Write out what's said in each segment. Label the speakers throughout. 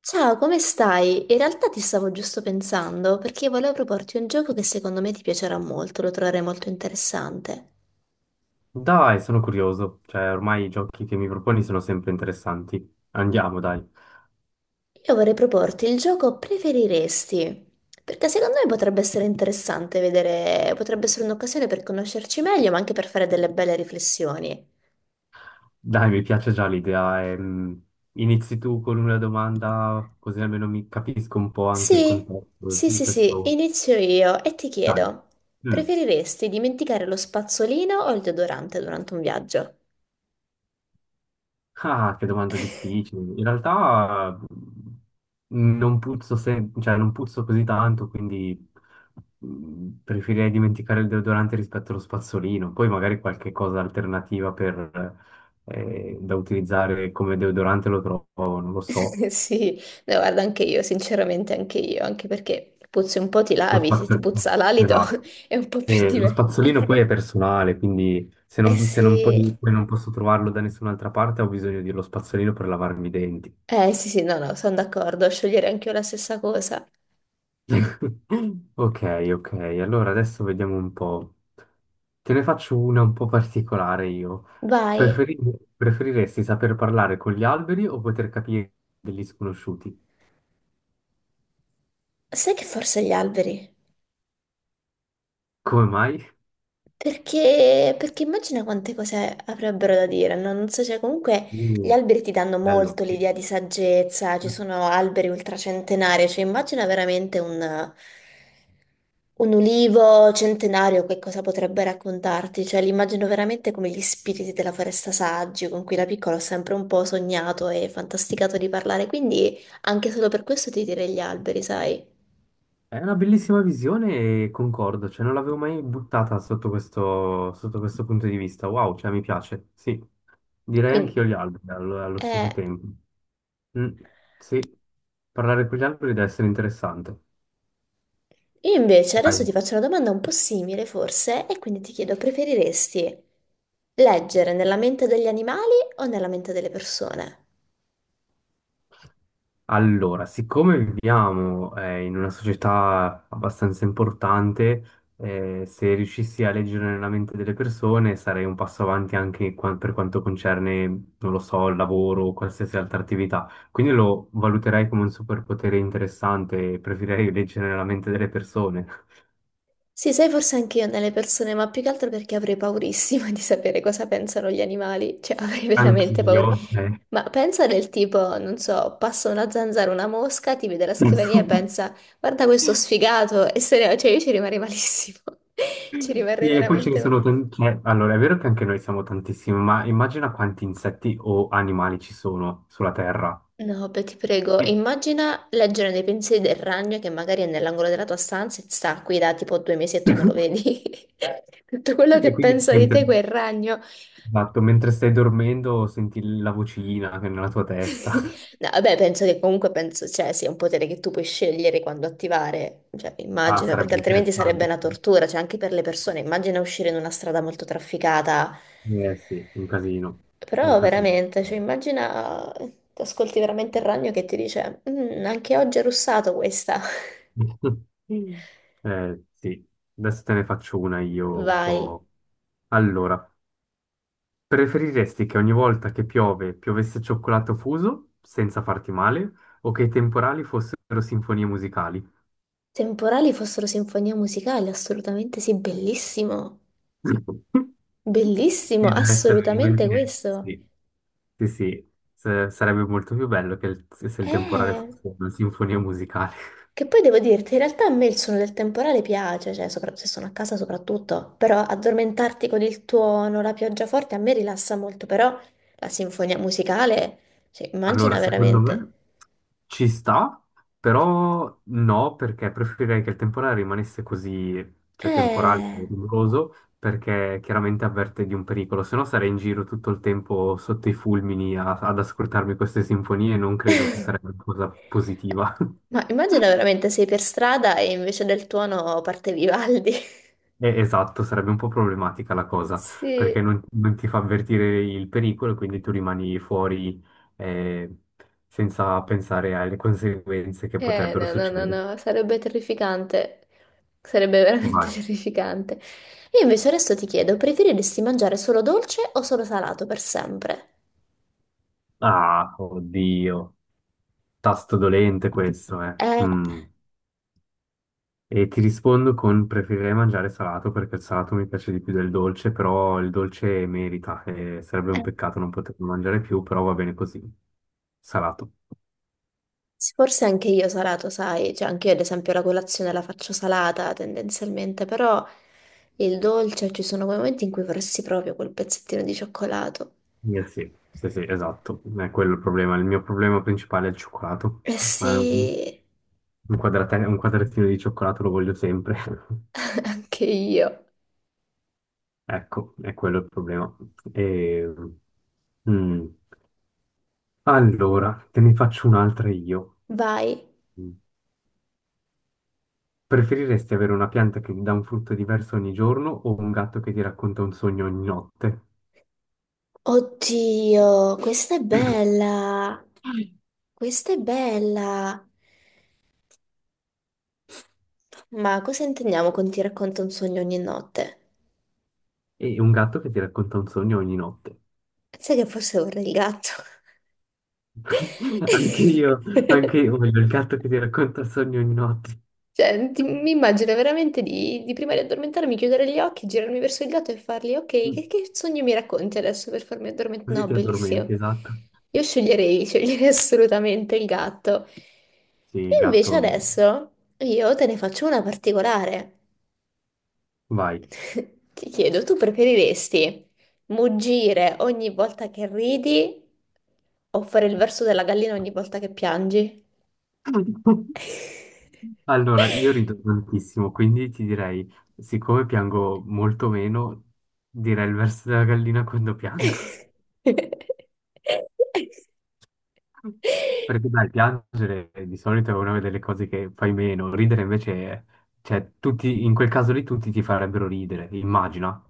Speaker 1: Ciao, come stai? In realtà ti stavo giusto pensando perché volevo proporti un gioco che secondo me ti piacerà molto, lo troverai molto interessante.
Speaker 2: Dai, sono curioso, cioè ormai i giochi che mi proponi sono sempre interessanti. Andiamo, dai.
Speaker 1: Io vorrei proporti il gioco Preferiresti, perché secondo me potrebbe essere interessante vedere, potrebbe essere un'occasione per conoscerci meglio, ma anche per fare delle belle riflessioni.
Speaker 2: Dai, mi piace già l'idea. Inizi tu con una domanda, così almeno mi capisco un po' anche il
Speaker 1: Sì,
Speaker 2: contesto
Speaker 1: sì,
Speaker 2: di
Speaker 1: sì, sì,
Speaker 2: questo.
Speaker 1: inizio io e ti
Speaker 2: Dai.
Speaker 1: chiedo,
Speaker 2: Mm.
Speaker 1: preferiresti dimenticare lo spazzolino o il deodorante durante un viaggio?
Speaker 2: Ah, che domanda difficile. In realtà non puzzo, cioè, non puzzo così tanto, quindi preferirei dimenticare il deodorante rispetto allo spazzolino. Poi magari qualche cosa alternativa per, da utilizzare come deodorante lo trovo, non lo so.
Speaker 1: Sì, no, guarda anche io, sinceramente anche io, anche perché puzzi un po' ti
Speaker 2: Lo
Speaker 1: lavi, se ti
Speaker 2: spazzolino,
Speaker 1: puzza l'alito
Speaker 2: esatto.
Speaker 1: è un po' più
Speaker 2: E lo
Speaker 1: diverso.
Speaker 2: spazzolino poi è personale, quindi
Speaker 1: Eh
Speaker 2: se non
Speaker 1: sì,
Speaker 2: poi non posso trovarlo da nessun'altra parte, ho bisogno dello spazzolino per lavarmi i denti.
Speaker 1: eh sì sì, no no, sono d'accordo, scegliere anche io la stessa cosa.
Speaker 2: Ok, ok, allora adesso vediamo un po'. Te ne faccio una un po' particolare io.
Speaker 1: Vai.
Speaker 2: Preferi- preferiresti saper parlare con gli alberi o poter capire degli sconosciuti?
Speaker 1: Sai che forse gli alberi?
Speaker 2: Come mai?
Speaker 1: Perché immagina quante cose avrebbero da dire, no? Non so, cioè comunque gli
Speaker 2: Uh,
Speaker 1: alberi ti danno
Speaker 2: bello.
Speaker 1: molto l'idea di saggezza, ci
Speaker 2: Sì.
Speaker 1: sono alberi ultracentenari, cioè immagina veramente un. Un ulivo centenario, che cosa potrebbe raccontarti? Cioè, li immagino veramente come gli spiriti della foresta saggi, con cui da piccola ho sempre un po' sognato e fantasticato di parlare, quindi anche solo per questo ti direi gli alberi, sai?
Speaker 2: È una bellissima visione e concordo, cioè non l'avevo mai buttata sotto questo punto di vista. Wow, cioè mi piace, sì. Direi
Speaker 1: Quindi,
Speaker 2: anch'io gli alberi allo, allo
Speaker 1: eh,
Speaker 2: stesso tempo. Mm, sì, parlare con gli alberi deve essere interessante.
Speaker 1: io invece
Speaker 2: Vai.
Speaker 1: adesso ti faccio una domanda un po' simile, forse, e quindi ti chiedo, preferiresti leggere nella mente degli animali o nella mente delle persone?
Speaker 2: Allora, siccome viviamo in una società abbastanza importante, se riuscissi a leggere nella mente delle persone sarei un passo avanti anche per quanto concerne, non lo so, il lavoro o qualsiasi altra attività. Quindi lo valuterei come un superpotere interessante e preferirei leggere nella mente delle persone.
Speaker 1: Sì, sai, forse anche io nelle persone, ma più che altro perché avrei paurissima di sapere cosa pensano gli animali, cioè avrei veramente
Speaker 2: Anch'io,
Speaker 1: paura.
Speaker 2: cioè.
Speaker 1: Ma pensa del tipo, non so, passa una zanzara, una mosca, ti vede la scrivania e pensa, guarda questo sfigato, e se ne va, cioè io ci rimarrei malissimo, ci rimarrei
Speaker 2: Sì, e poi ce ne
Speaker 1: veramente male.
Speaker 2: sono tanti. Allora, è vero che anche noi siamo tantissimi, ma immagina quanti insetti o animali ci sono sulla Terra.
Speaker 1: No, beh, ti prego,
Speaker 2: Eh,
Speaker 1: immagina leggere nei pensieri del ragno che magari è nell'angolo della tua stanza e sta qui da tipo 2 mesi e tu non lo vedi. Tutto quello
Speaker 2: e
Speaker 1: che
Speaker 2: quindi tu
Speaker 1: pensa di
Speaker 2: mentre,
Speaker 1: te quel ragno.
Speaker 2: esatto, mentre stai dormendo senti la vocina che è nella tua testa.
Speaker 1: No, vabbè, penso che comunque penso, cioè, sia un potere che tu puoi scegliere quando attivare, cioè,
Speaker 2: Ah,
Speaker 1: immagino, perché
Speaker 2: sarebbe
Speaker 1: altrimenti sarebbe
Speaker 2: interessante.
Speaker 1: una tortura, cioè, anche per le persone, immagina uscire in una strada molto trafficata,
Speaker 2: Eh sì, un casino, un
Speaker 1: però
Speaker 2: casino.
Speaker 1: veramente, cioè, immagina, ascolti veramente il ragno che ti dice, "Mm, anche oggi è russato questa".
Speaker 2: Eh sì, adesso te ne faccio una io un
Speaker 1: Vai.
Speaker 2: po'. Allora, preferiresti che ogni volta che piove piovesse cioccolato fuso senza farti male o che i temporali fossero sinfonie musicali?
Speaker 1: Temporali fossero sinfonia musicale, assolutamente sì, bellissimo, bellissimo,
Speaker 2: Sì, deve essere
Speaker 1: assolutamente
Speaker 2: veramente...
Speaker 1: questo.
Speaker 2: Sì, sì, sì. Sarebbe molto più bello che se il temporale
Speaker 1: Eh.
Speaker 2: fosse una sinfonia musicale.
Speaker 1: Che poi devo dirti, in realtà a me il suono del temporale piace, cioè se sono a casa soprattutto, però addormentarti con il tuono, la pioggia forte a me rilassa molto, però la sinfonia musicale, cioè,
Speaker 2: Allora,
Speaker 1: immagina
Speaker 2: secondo
Speaker 1: veramente.
Speaker 2: me ci sta, però no, perché preferirei che il temporale rimanesse così, cioè temporale
Speaker 1: Eh.
Speaker 2: e rumoroso, perché chiaramente avverte di un pericolo, se no sarei in giro tutto il tempo sotto i fulmini ad ascoltarmi queste sinfonie e non credo che sarebbe una cosa positiva.
Speaker 1: Ma immagina veramente sei per strada e invece del tuono parte Vivaldi.
Speaker 2: Esatto, sarebbe un po' problematica la cosa,
Speaker 1: Sì.
Speaker 2: perché non ti fa avvertire il pericolo, quindi tu rimani fuori eh, senza pensare alle conseguenze che potrebbero
Speaker 1: No, no, no,
Speaker 2: succedere.
Speaker 1: no, sarebbe terrificante. Sarebbe veramente
Speaker 2: Vai.
Speaker 1: terrificante. Io invece adesso ti chiedo, preferiresti mangiare solo dolce o solo salato per sempre?
Speaker 2: Ah, oddio, tasto dolente questo, eh.
Speaker 1: Eh,
Speaker 2: Mm. E ti rispondo con preferirei mangiare salato perché il salato mi piace di più del dolce, però il dolce merita, sarebbe un
Speaker 1: eh,
Speaker 2: peccato non poterlo mangiare più, però va bene così, salato.
Speaker 1: forse anche io salato, sai, cioè anche io ad esempio la colazione la faccio salata tendenzialmente, però il dolce ci sono quei momenti in cui vorresti proprio quel pezzettino di cioccolato.
Speaker 2: Sì, sì, sì, esatto, è quello il problema. Il mio problema principale è il cioccolato.
Speaker 1: Eh
Speaker 2: Un
Speaker 1: sì,
Speaker 2: un quadratino di cioccolato lo voglio sempre.
Speaker 1: anche io.
Speaker 2: Ecco, è quello il problema. E, mm, allora, te ne faccio un'altra io.
Speaker 1: Vai.
Speaker 2: Mm. Preferiresti avere una pianta che ti dà un frutto diverso ogni giorno o un gatto che ti racconta un sogno ogni notte?
Speaker 1: Oddio, questa è bella. Questa è bella. Ma cosa intendiamo con ti racconto un sogno ogni notte?
Speaker 2: E un gatto che ti racconta un sogno ogni notte.
Speaker 1: Sai che forse vorrei il gatto.
Speaker 2: Anche io, anche io voglio il gatto che ti racconta il sogno ogni notte.
Speaker 1: Cioè, mi immagino veramente di prima di addormentarmi, chiudere gli occhi, girarmi verso il gatto e fargli, ok, che sogno mi racconti adesso per farmi addormentare?
Speaker 2: Così
Speaker 1: No,
Speaker 2: ti addormenti,
Speaker 1: bellissimo.
Speaker 2: esatto.
Speaker 1: Io sceglierei assolutamente il gatto.
Speaker 2: Sì,
Speaker 1: Invece
Speaker 2: gatto,
Speaker 1: adesso io te ne faccio una particolare.
Speaker 2: vai.
Speaker 1: Ti chiedo, tu preferiresti muggire ogni volta che ridi o fare il verso della gallina ogni volta che piangi?
Speaker 2: Allora, io rido tantissimo, quindi ti direi, siccome piango molto meno, direi il verso della gallina quando piango. Perché dai, piangere di solito è una delle cose che fai meno, ridere invece, cioè, tutti, in quel caso lì tutti ti farebbero ridere, immagina.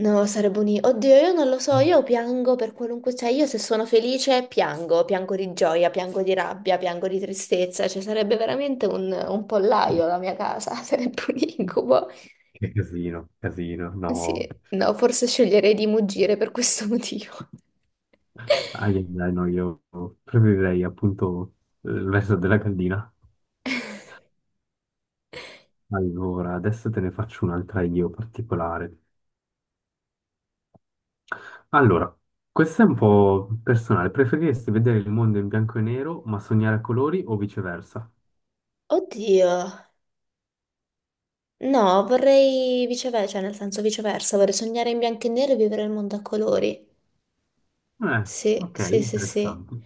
Speaker 1: No, sarebbe un. Oddio, io non lo so, io piango per qualunque. Cioè, io se sono felice piango, piango di gioia, piango di rabbia, piango di tristezza, cioè sarebbe veramente un, pollaio la mia casa, sarebbe un incubo.
Speaker 2: Che casino, casino, no.
Speaker 1: Sì, no, forse sceglierei di muggire per questo motivo.
Speaker 2: Ah, yeah, dai, no, io preferirei appunto il verso della gallina. Allora, adesso te ne faccio un'altra io particolare. Allora, questa è un po' personale. Preferiresti vedere il mondo in bianco e nero ma sognare a colori o viceversa?
Speaker 1: Oddio. No, vorrei viceversa, cioè nel senso viceversa, vorrei sognare in bianco e nero e vivere il mondo a colori.
Speaker 2: Eh,
Speaker 1: Sì,
Speaker 2: ok,
Speaker 1: sì, sì, sì.
Speaker 2: interessante.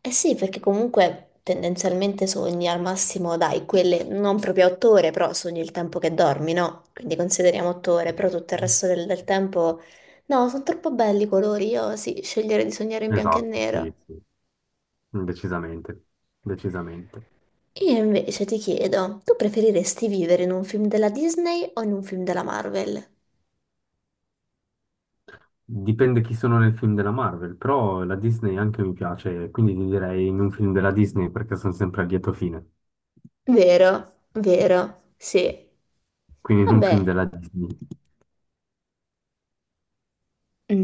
Speaker 1: Eh sì, perché comunque tendenzialmente sogni al massimo, dai, quelle non proprio 8 ore, però sogni il tempo che dormi, no? Quindi consideriamo 8 ore, però tutto il resto del tempo. No, sono troppo belli i colori, io sì, sceglierei di sognare in bianco e
Speaker 2: Esatto,
Speaker 1: nero.
Speaker 2: sì, sì, decisamente, decisamente.
Speaker 1: Io invece ti chiedo, tu preferiresti vivere in un film della Disney o in un film della Marvel?
Speaker 2: Dipende chi sono nel film della Marvel, però la Disney anche mi piace, quindi ti direi in un film della Disney perché sono sempre a lieto fine.
Speaker 1: Vero, vero, sì.
Speaker 2: Quindi non un film
Speaker 1: Vabbè,
Speaker 2: della Disney,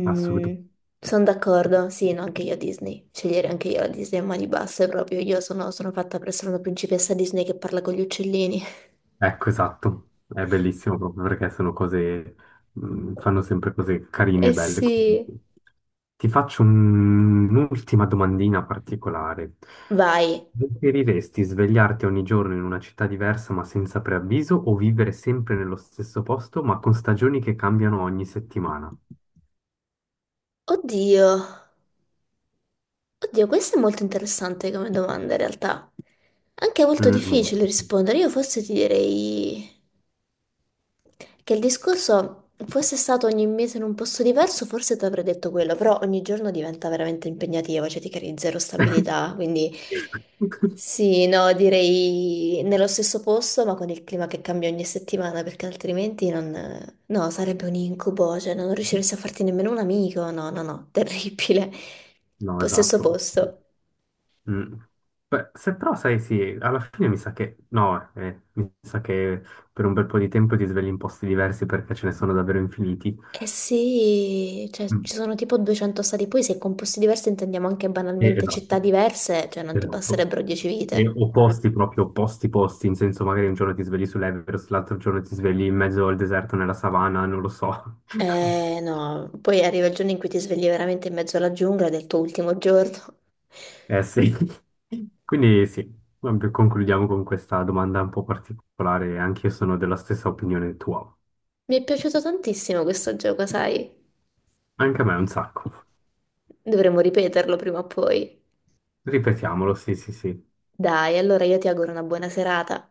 Speaker 2: assolutamente.
Speaker 1: sono d'accordo, sì, no, anche io Disney. Scegliere anche io la Disney a mani basse proprio. Io sono fatta per essere una principessa Disney che parla con gli uccellini.
Speaker 2: Ecco, esatto. È bellissimo proprio perché sono cose, fanno sempre cose carine e
Speaker 1: Eh
Speaker 2: belle.
Speaker 1: sì.
Speaker 2: Comunque. Ti faccio un'ultima domandina particolare.
Speaker 1: Vai.
Speaker 2: Preferiresti svegliarti ogni giorno in una città diversa ma senza preavviso o vivere sempre nello stesso posto ma con stagioni che cambiano ogni settimana?
Speaker 1: Oddio. Oddio, questa è molto interessante come domanda in realtà. Anche molto
Speaker 2: Mm, no,
Speaker 1: difficile rispondere. Io forse ti direi che il discorso fosse stato ogni mese in un posto diverso, forse ti avrei detto quello, però ogni giorno diventa veramente impegnativo, cioè ti crei zero stabilità, quindi sì, no, direi nello stesso posto, ma con il clima che cambia ogni settimana, perché altrimenti non... No, sarebbe un incubo, cioè non riusciresti a farti nemmeno un amico, no, no, no, terribile.
Speaker 2: no,
Speaker 1: Stesso
Speaker 2: esatto.
Speaker 1: posto.
Speaker 2: Mm. Beh, se però sai, sì, alla fine mi sa che no, mi sa che per un bel po' di tempo ti svegli in posti diversi perché ce ne sono davvero infiniti.
Speaker 1: Eh sì, cioè
Speaker 2: Mm.
Speaker 1: ci sono tipo 200 stati, poi se con posti diversi intendiamo anche banalmente città
Speaker 2: Esatto,
Speaker 1: diverse, cioè non ti
Speaker 2: esatto.
Speaker 1: basterebbero 10
Speaker 2: E
Speaker 1: vite.
Speaker 2: opposti, proprio opposti posti, in senso magari un giorno ti svegli sull'Everest, l'altro giorno ti svegli in mezzo al deserto nella savana, non lo so.
Speaker 1: Eh no, poi arriva il giorno in cui ti svegli veramente in mezzo alla giungla del tuo ultimo giorno.
Speaker 2: Eh sì. Quindi sì, vabbè, concludiamo con questa domanda un po' particolare, anche io sono della stessa opinione tua.
Speaker 1: Mi è piaciuto tantissimo questo gioco, sai?
Speaker 2: Anche a me un sacco.
Speaker 1: Dovremmo ripeterlo prima o poi.
Speaker 2: Ripetiamolo, sì, sì, sì.
Speaker 1: Dai, allora io ti auguro una buona serata.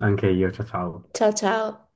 Speaker 2: Anche io, ciao ciao.
Speaker 1: Ciao ciao!